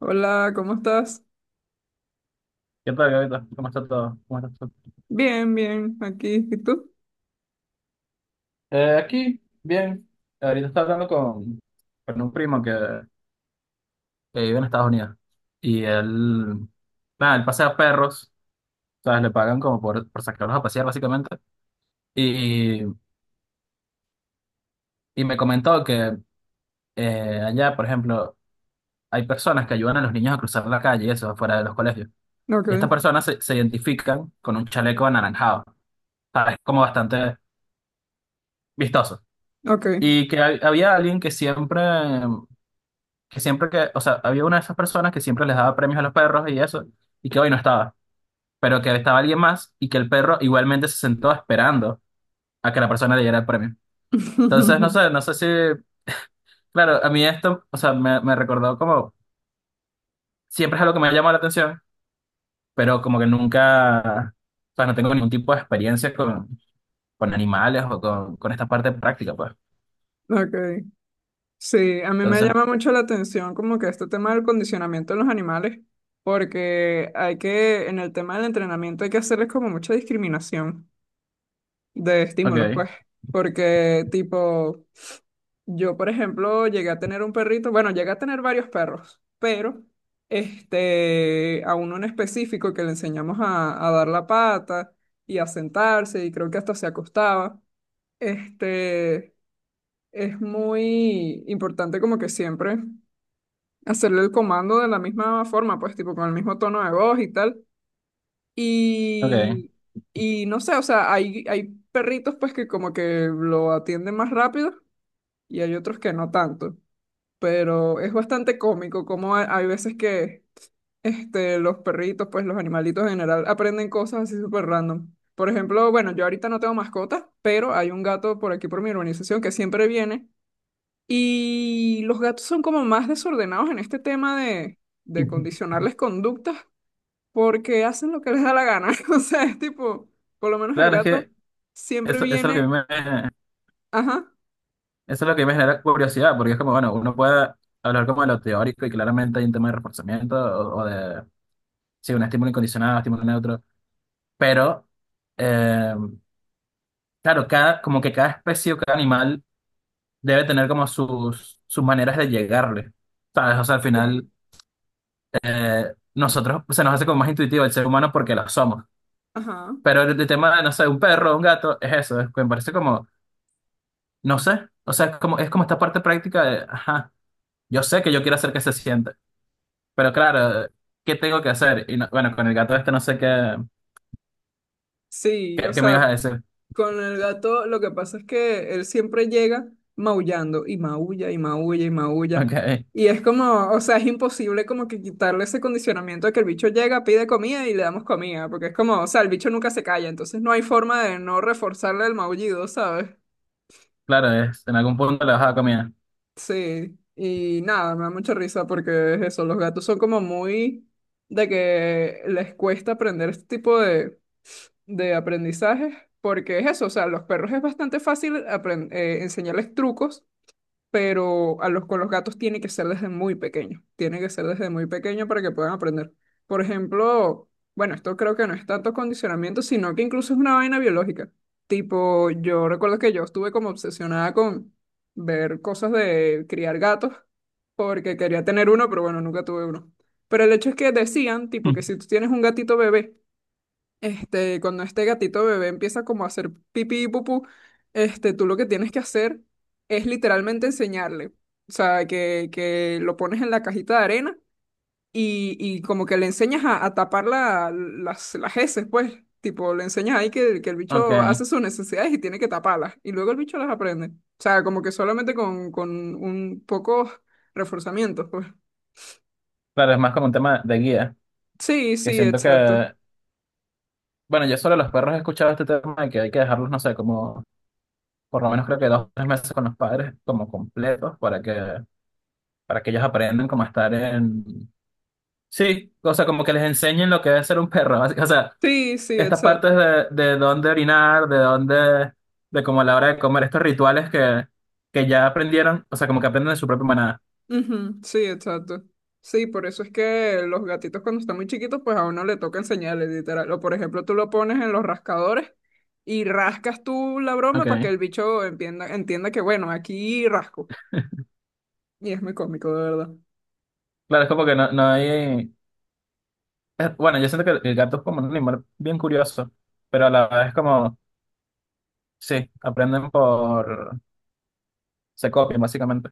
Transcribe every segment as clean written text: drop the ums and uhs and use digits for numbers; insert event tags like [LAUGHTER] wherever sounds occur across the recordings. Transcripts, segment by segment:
Hola, ¿cómo estás? ¿Qué tal, Gavita? ¿Cómo está todo? ¿Cómo estás tú? Bien, bien, aquí. ¿Y tú? Aquí, bien. Ahorita estaba hablando con un primo que vive en Estados Unidos. Y él, nada, él pasea perros, ¿sabes? Le pagan como por sacarlos a pasear, básicamente. Y, y me comentó que allá, por ejemplo, hay personas que ayudan a los niños a cruzar la calle, y eso, fuera de los colegios. Ok, Y estas personas se identifican con un chaleco anaranjado, ¿sabes? Como bastante vistoso. ok. Y que había alguien que siempre o sea, había una de esas personas que siempre les daba premios a los perros y eso, y que hoy no estaba, pero que estaba alguien más y que el perro igualmente se sentó esperando a que la persona le diera el premio. Entonces, no [LAUGHS] sé, no sé si, claro, a mí esto, o sea, me recordó como, siempre es algo que me ha llamado la atención, pero como que nunca, o sea, no tengo ningún tipo de experiencia con animales o con esta parte práctica, pues. Ok. Sí, a mí me Entonces, llama mucho la atención como que este tema del condicionamiento de los animales, porque en el tema del entrenamiento hay que hacerles como mucha discriminación de estímulos, ok, pues, porque tipo, yo, por ejemplo, llegué a tener un perrito, bueno, llegué a tener varios perros, pero a uno en específico que le enseñamos a dar la pata y a sentarse, y creo que hasta se acostaba. Este, es muy importante como que siempre hacerle el comando de la misma forma, pues tipo con el mismo tono de voz y tal. ok. Y, y no sé, o sea, hay perritos pues que como que lo atienden más rápido y hay otros que no tanto. Pero es bastante cómico como hay veces que los perritos, pues los animalitos en general, aprenden cosas así súper random. Por ejemplo, bueno, yo ahorita no tengo mascota, pero hay un gato por aquí por mi urbanización que siempre viene y los gatos son como más desordenados en este de [LAUGHS] condicionarles conductas porque hacen lo que les da la gana. [LAUGHS] O sea, es tipo, por lo menos el Claro, es gato que siempre eso es lo que a mí viene, me, ajá, Eso es lo que me genera curiosidad, porque es como, bueno, uno puede hablar como de lo teórico y claramente hay un tema de reforzamiento o de, sí, un estímulo incondicionado, estímulo neutro, pero, eh, claro, cada, como que cada especie o cada animal debe tener como sus maneras de llegarle, ¿sabes? O sea, al final, sí, nosotros se nos hace como más intuitivo el ser humano porque lo somos, ajá. pero el tema de, no sé, un perro, un gato, es eso, es, me parece como, no sé, o sea, es como esta parte práctica de, ajá, yo sé que yo quiero hacer que se sienta. Pero claro, ¿qué tengo que hacer? Y bueno, con el gato este no sé qué, Sí, o qué, qué me ibas sea, a decir. [LAUGHS] con el gato, lo que pasa es que él siempre llega maullando y maulla y maulla y maulla. Ok, Y es como, o sea, es imposible como que quitarle ese condicionamiento de que el bicho llega, pide comida y le damos comida, porque es como, o sea, el bicho nunca se calla, entonces no hay forma de no reforzarle el maullido, ¿sabes? claro, es, en algún punto le vas a dar comida. Sí, y nada, me da mucha risa porque es eso, los gatos son como muy de que les cuesta aprender este de aprendizaje, porque es eso, o sea, a los perros es bastante fácil enseñarles trucos, pero a los con los gatos tiene que ser desde muy pequeño, tiene que ser desde muy pequeño para que puedan aprender. Por ejemplo, bueno, esto creo que no es tanto condicionamiento, sino que incluso es una vaina biológica. Tipo, yo recuerdo que yo estuve como obsesionada con ver cosas de criar gatos, porque quería tener uno, pero bueno, nunca tuve uno. Pero el hecho es que decían, tipo, que si [LAUGHS] tú tienes un gatito bebé, cuando este gatito bebé empieza como a hacer pipí y pupú, tú lo que tienes que hacer es literalmente enseñarle. O sea, que lo pones en la cajita de arena y como que le enseñas a tapar las heces, pues. Tipo, le enseñas ahí que el Ok, bicho hace sus necesidades y tiene que taparlas. Y luego el bicho las aprende. O sea, como que solamente con un poco reforzamiento, pues. claro, es más como un tema de guía, Sí, que sí, siento exacto. que, bueno, yo solo los perros he escuchado este tema de que hay que dejarlos, no sé, como por lo menos creo que 2 o 3 meses con los padres como completos para que ellos aprendan cómo estar en... Sí, o sea, como que les enseñen lo que es ser un perro, básicamente Sí, sí, estas partes exacto. De dónde orinar, de dónde, de como a la hora de comer, estos rituales que ya aprendieron, o sea, como que aprenden de su propia manada. Ujú, sí, exacto. Sí, por eso es que los gatitos cuando están muy chiquitos, pues a uno le toca enseñarles, literal. O por ejemplo, tú lo pones en los rascadores y rascas tú la broma para que Ok. el bicho entienda, entienda que, bueno, aquí rasco. Y es muy cómico, de verdad. Claro, es como que no, no hay... bueno, yo siento que el gato es como un animal bien curioso, pero a la vez es como, sí, aprenden por... se copian, básicamente.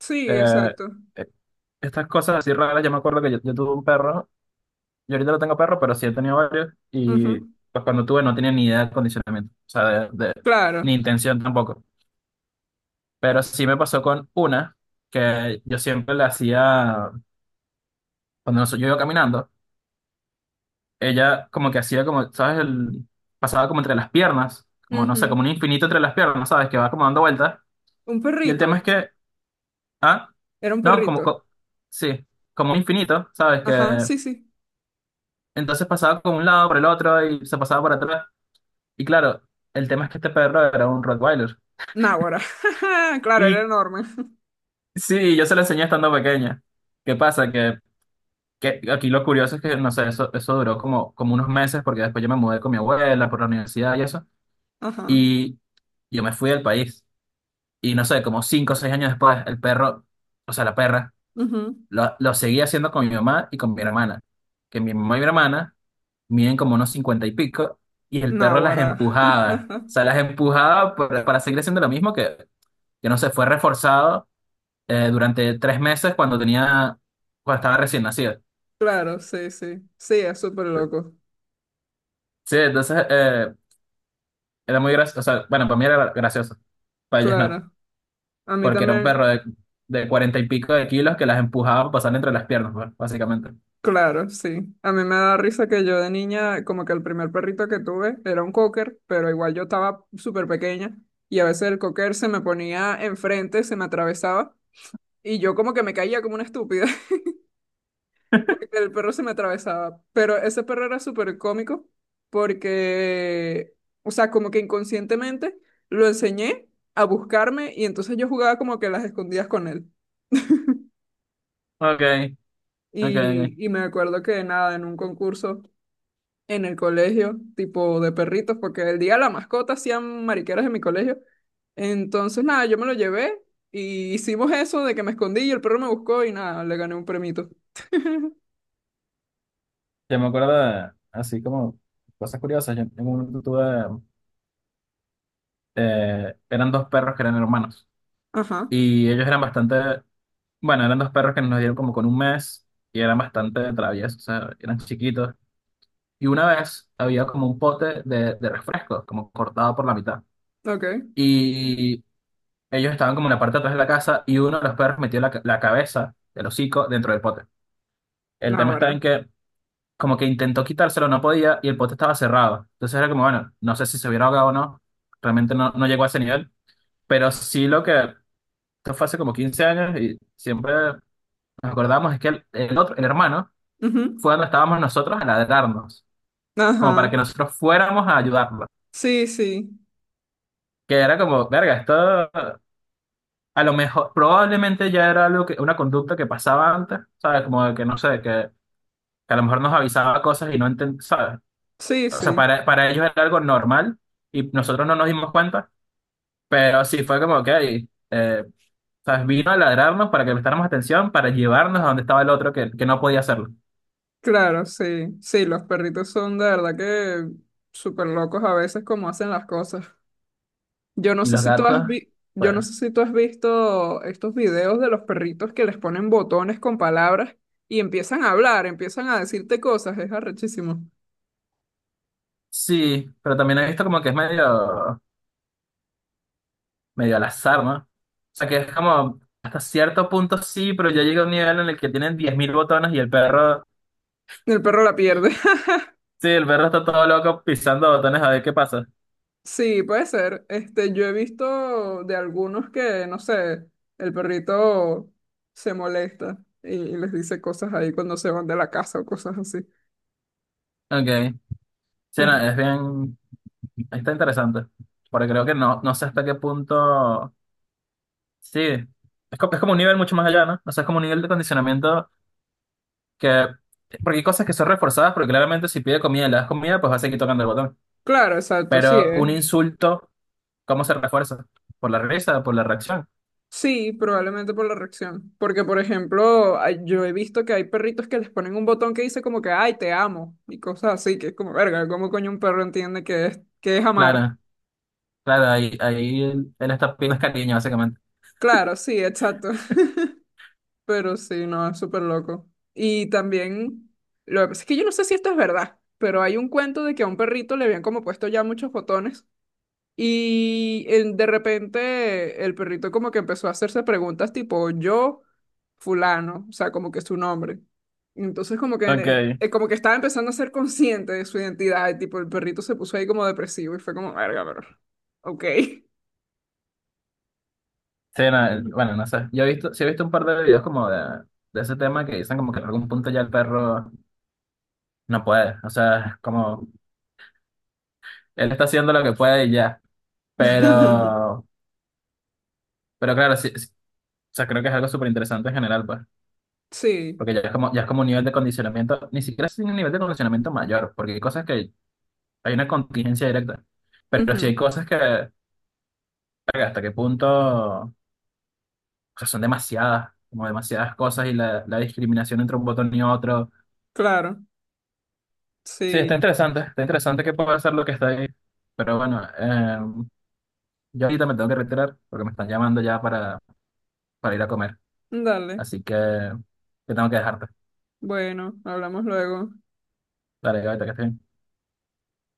Sí, Eh, exacto. eh, estas cosas así raras, yo me acuerdo que yo tuve un perro, yo ahorita no tengo perro, pero sí he tenido varios, y Ujú. pues cuando tuve no tenía ni idea de condicionamiento, o sea, ni Claro. intención tampoco. Pero sí me pasó con una que yo siempre le hacía, cuando yo iba caminando, ella como que hacía como, ¿sabes? El, pasaba como entre las piernas, como no sé, Ujú. como un infinito entre las piernas, ¿sabes? Que va como dando vueltas. Un Y el perrito. tema es que, ah, Era un no, como, perrito. Sí, como un infinito, ¿sabes? Ajá, Que sí, sí. entonces pasaba como un lado por el otro y se pasaba por atrás. Y claro, el tema es que este perro era un Rottweiler. Náguara. [LAUGHS] Claro, era Y enorme. sí, yo se lo enseñé estando pequeña. ¿Qué pasa? Que aquí lo curioso es que, no sé, eso duró como, como unos meses porque después yo me mudé con mi abuela por la universidad y eso. Ajá. Y yo me fui del país. Y no sé, como 5 o 6 años después, el perro, o sea, la perra, Ujú. Lo seguía haciendo con mi mamá y con mi hermana. Que mi mamá y mi hermana miden como unos 50 y pico y el perro las Náguara. empujaba. O [LAUGHS] sea, las empujaba para seguir haciendo lo mismo que no sé, fue reforzado durante 3 meses cuando tenía, cuando estaba recién nacido. Claro, sí, sí. Sí, es súper loco. Sí, entonces... era muy gracioso. O sea, bueno, para mí era gracioso. Para ellas no. Claro, a mí Porque era un también, perro de 40 y pico de kilos que las empujaba a pasar entre las piernas, pues, básicamente. claro, sí. A mí me da risa que yo de niña, como que el primer perrito que tuve era un cocker, pero igual yo estaba súper pequeña y a veces el cocker se me ponía enfrente, se me atravesaba y yo como que me caía como una estúpida [LAUGHS] porque el perro se me atravesaba. Pero ese perro era súper cómico porque, o sea, como que inconscientemente lo enseñé a buscarme y entonces yo jugaba como que las escondidas con él. Ok, ok, ok. Y me acuerdo que nada, en un concurso en el colegio, tipo de perritos, porque el día de la mascota hacían mariqueras en mi colegio. Entonces, nada, yo me lo llevé y hicimos eso de que me escondí y el perro me buscó y nada, le gané un premito. Yo me acuerdo de, así como cosas curiosas. Yo en un momento tuve, eran dos perros que eran hermanos. Ajá, Y ellos eran bastante, bueno, eran dos perros que nos dieron como con un mes y eran bastante traviesos, o sea, eran chiquitos. Y una vez había como un pote de refresco, como cortado por la mitad. ok. Y ellos estaban como en la parte de atrás de la casa y uno de los perros metió la cabeza del hocico dentro del pote. El tema Náguara. está en que como que intentó quitárselo, no podía y el pote estaba cerrado. Entonces era como, bueno, no sé si se hubiera ahogado o no. Realmente no, no llegó a ese nivel. Pero sí lo que, esto fue hace como 15 años y siempre nos acordamos es que el otro, el hermano, Ujú. fue donde estábamos nosotros a ladrarnos, como para que Ajá. nosotros fuéramos a ayudarlo. Sí, sí. Que era como, verga, esto a lo mejor, probablemente ya era algo que, una conducta que pasaba antes, ¿sabes? Como de que no sé, que a lo mejor nos avisaba cosas y no entendía, ¿sabes? Sí, O sea, sí. Para ellos era algo normal y nosotros no nos dimos cuenta, pero sí fue como, ok, eh, ¿sabes? Vino a ladrarnos para que prestáramos atención, para llevarnos a donde estaba el otro que no podía hacerlo. Claro, sí. Sí, los perritos son de verdad que súper locos a veces como hacen las cosas. Y los gatos, Yo pues no sé si tú has visto estos videos de los perritos que les ponen botones con palabras y empiezan a hablar, empiezan a decirte cosas, es arrechísimo. sí, pero también he visto como que es medio, medio al azar, ¿no? O sea, que es como hasta cierto punto sí, pero ya llega un nivel en el que tienen 10.000 botones y el perro. El perro la pierde. [LAUGHS] Sí, el perro está todo loco pisando botones a ver qué pasa. Sí, puede ser. Este, yo he visto de algunos que, no sé, el perrito se molesta y les dice cosas ahí cuando se van de la casa o cosas así. Ok. Sí, Eh, no, es bien. Está interesante. Porque creo que no, no sé hasta qué punto. Sí. Es como un nivel mucho más allá, ¿no? O sea, es como un nivel de condicionamiento que. Porque hay cosas que son reforzadas, porque claramente si pide comida y le das comida, pues va a seguir tocando el botón. Claro, exacto, sí, Pero es, un insulto, ¿cómo se refuerza? Por la risa, por la reacción. sí, probablemente por la reacción. Porque, por ejemplo, yo he visto que hay perritos que les ponen un botón que dice como que, ay, te amo, y cosas así, que es como, verga, ¿cómo coño un perro entiende que es amar? Claro, claro, ahí, ahí él, él está pidiendo cariño, básicamente. Claro, sí, exacto. [LAUGHS] Pero sí, no, es súper loco. Y también, lo que pasa es que yo no sé si esto es verdad, pero hay un cuento de que a un perrito le habían como puesto ya muchos botones. De repente el perrito como que empezó a hacerse preguntas tipo yo, fulano, o sea, como que su nombre. Entonces como que, Ok. Como que estaba empezando a ser consciente de su identidad y tipo el perrito se puso ahí como depresivo y fue como, verga, pero, ok. Sí, no, bueno, no sé. Yo he visto, sí he visto un par de videos como de ese tema que dicen como que en algún punto ya el perro no puede. O sea, como él está haciendo lo que puede y ya. [LAUGHS] Pero, pero claro, sí, sí. O sea, creo que es algo súper interesante en general, pues. Sí, Porque ya es como un nivel de condicionamiento, ni siquiera es un nivel de condicionamiento mayor, porque hay cosas que hay una contingencia directa. Pero sí ujú, hay cosas que, verga, hasta qué punto, o sea, son demasiadas, como demasiadas cosas y la discriminación entre un botón y otro. claro, Sí, sí, está interesante que pueda ser lo que está ahí. Pero bueno, yo ahorita me tengo que retirar porque me están llamando ya para ir a comer. dale. Así que tengo que dejarte. Bueno, hablamos luego. Dale, ahorita que estoy bien.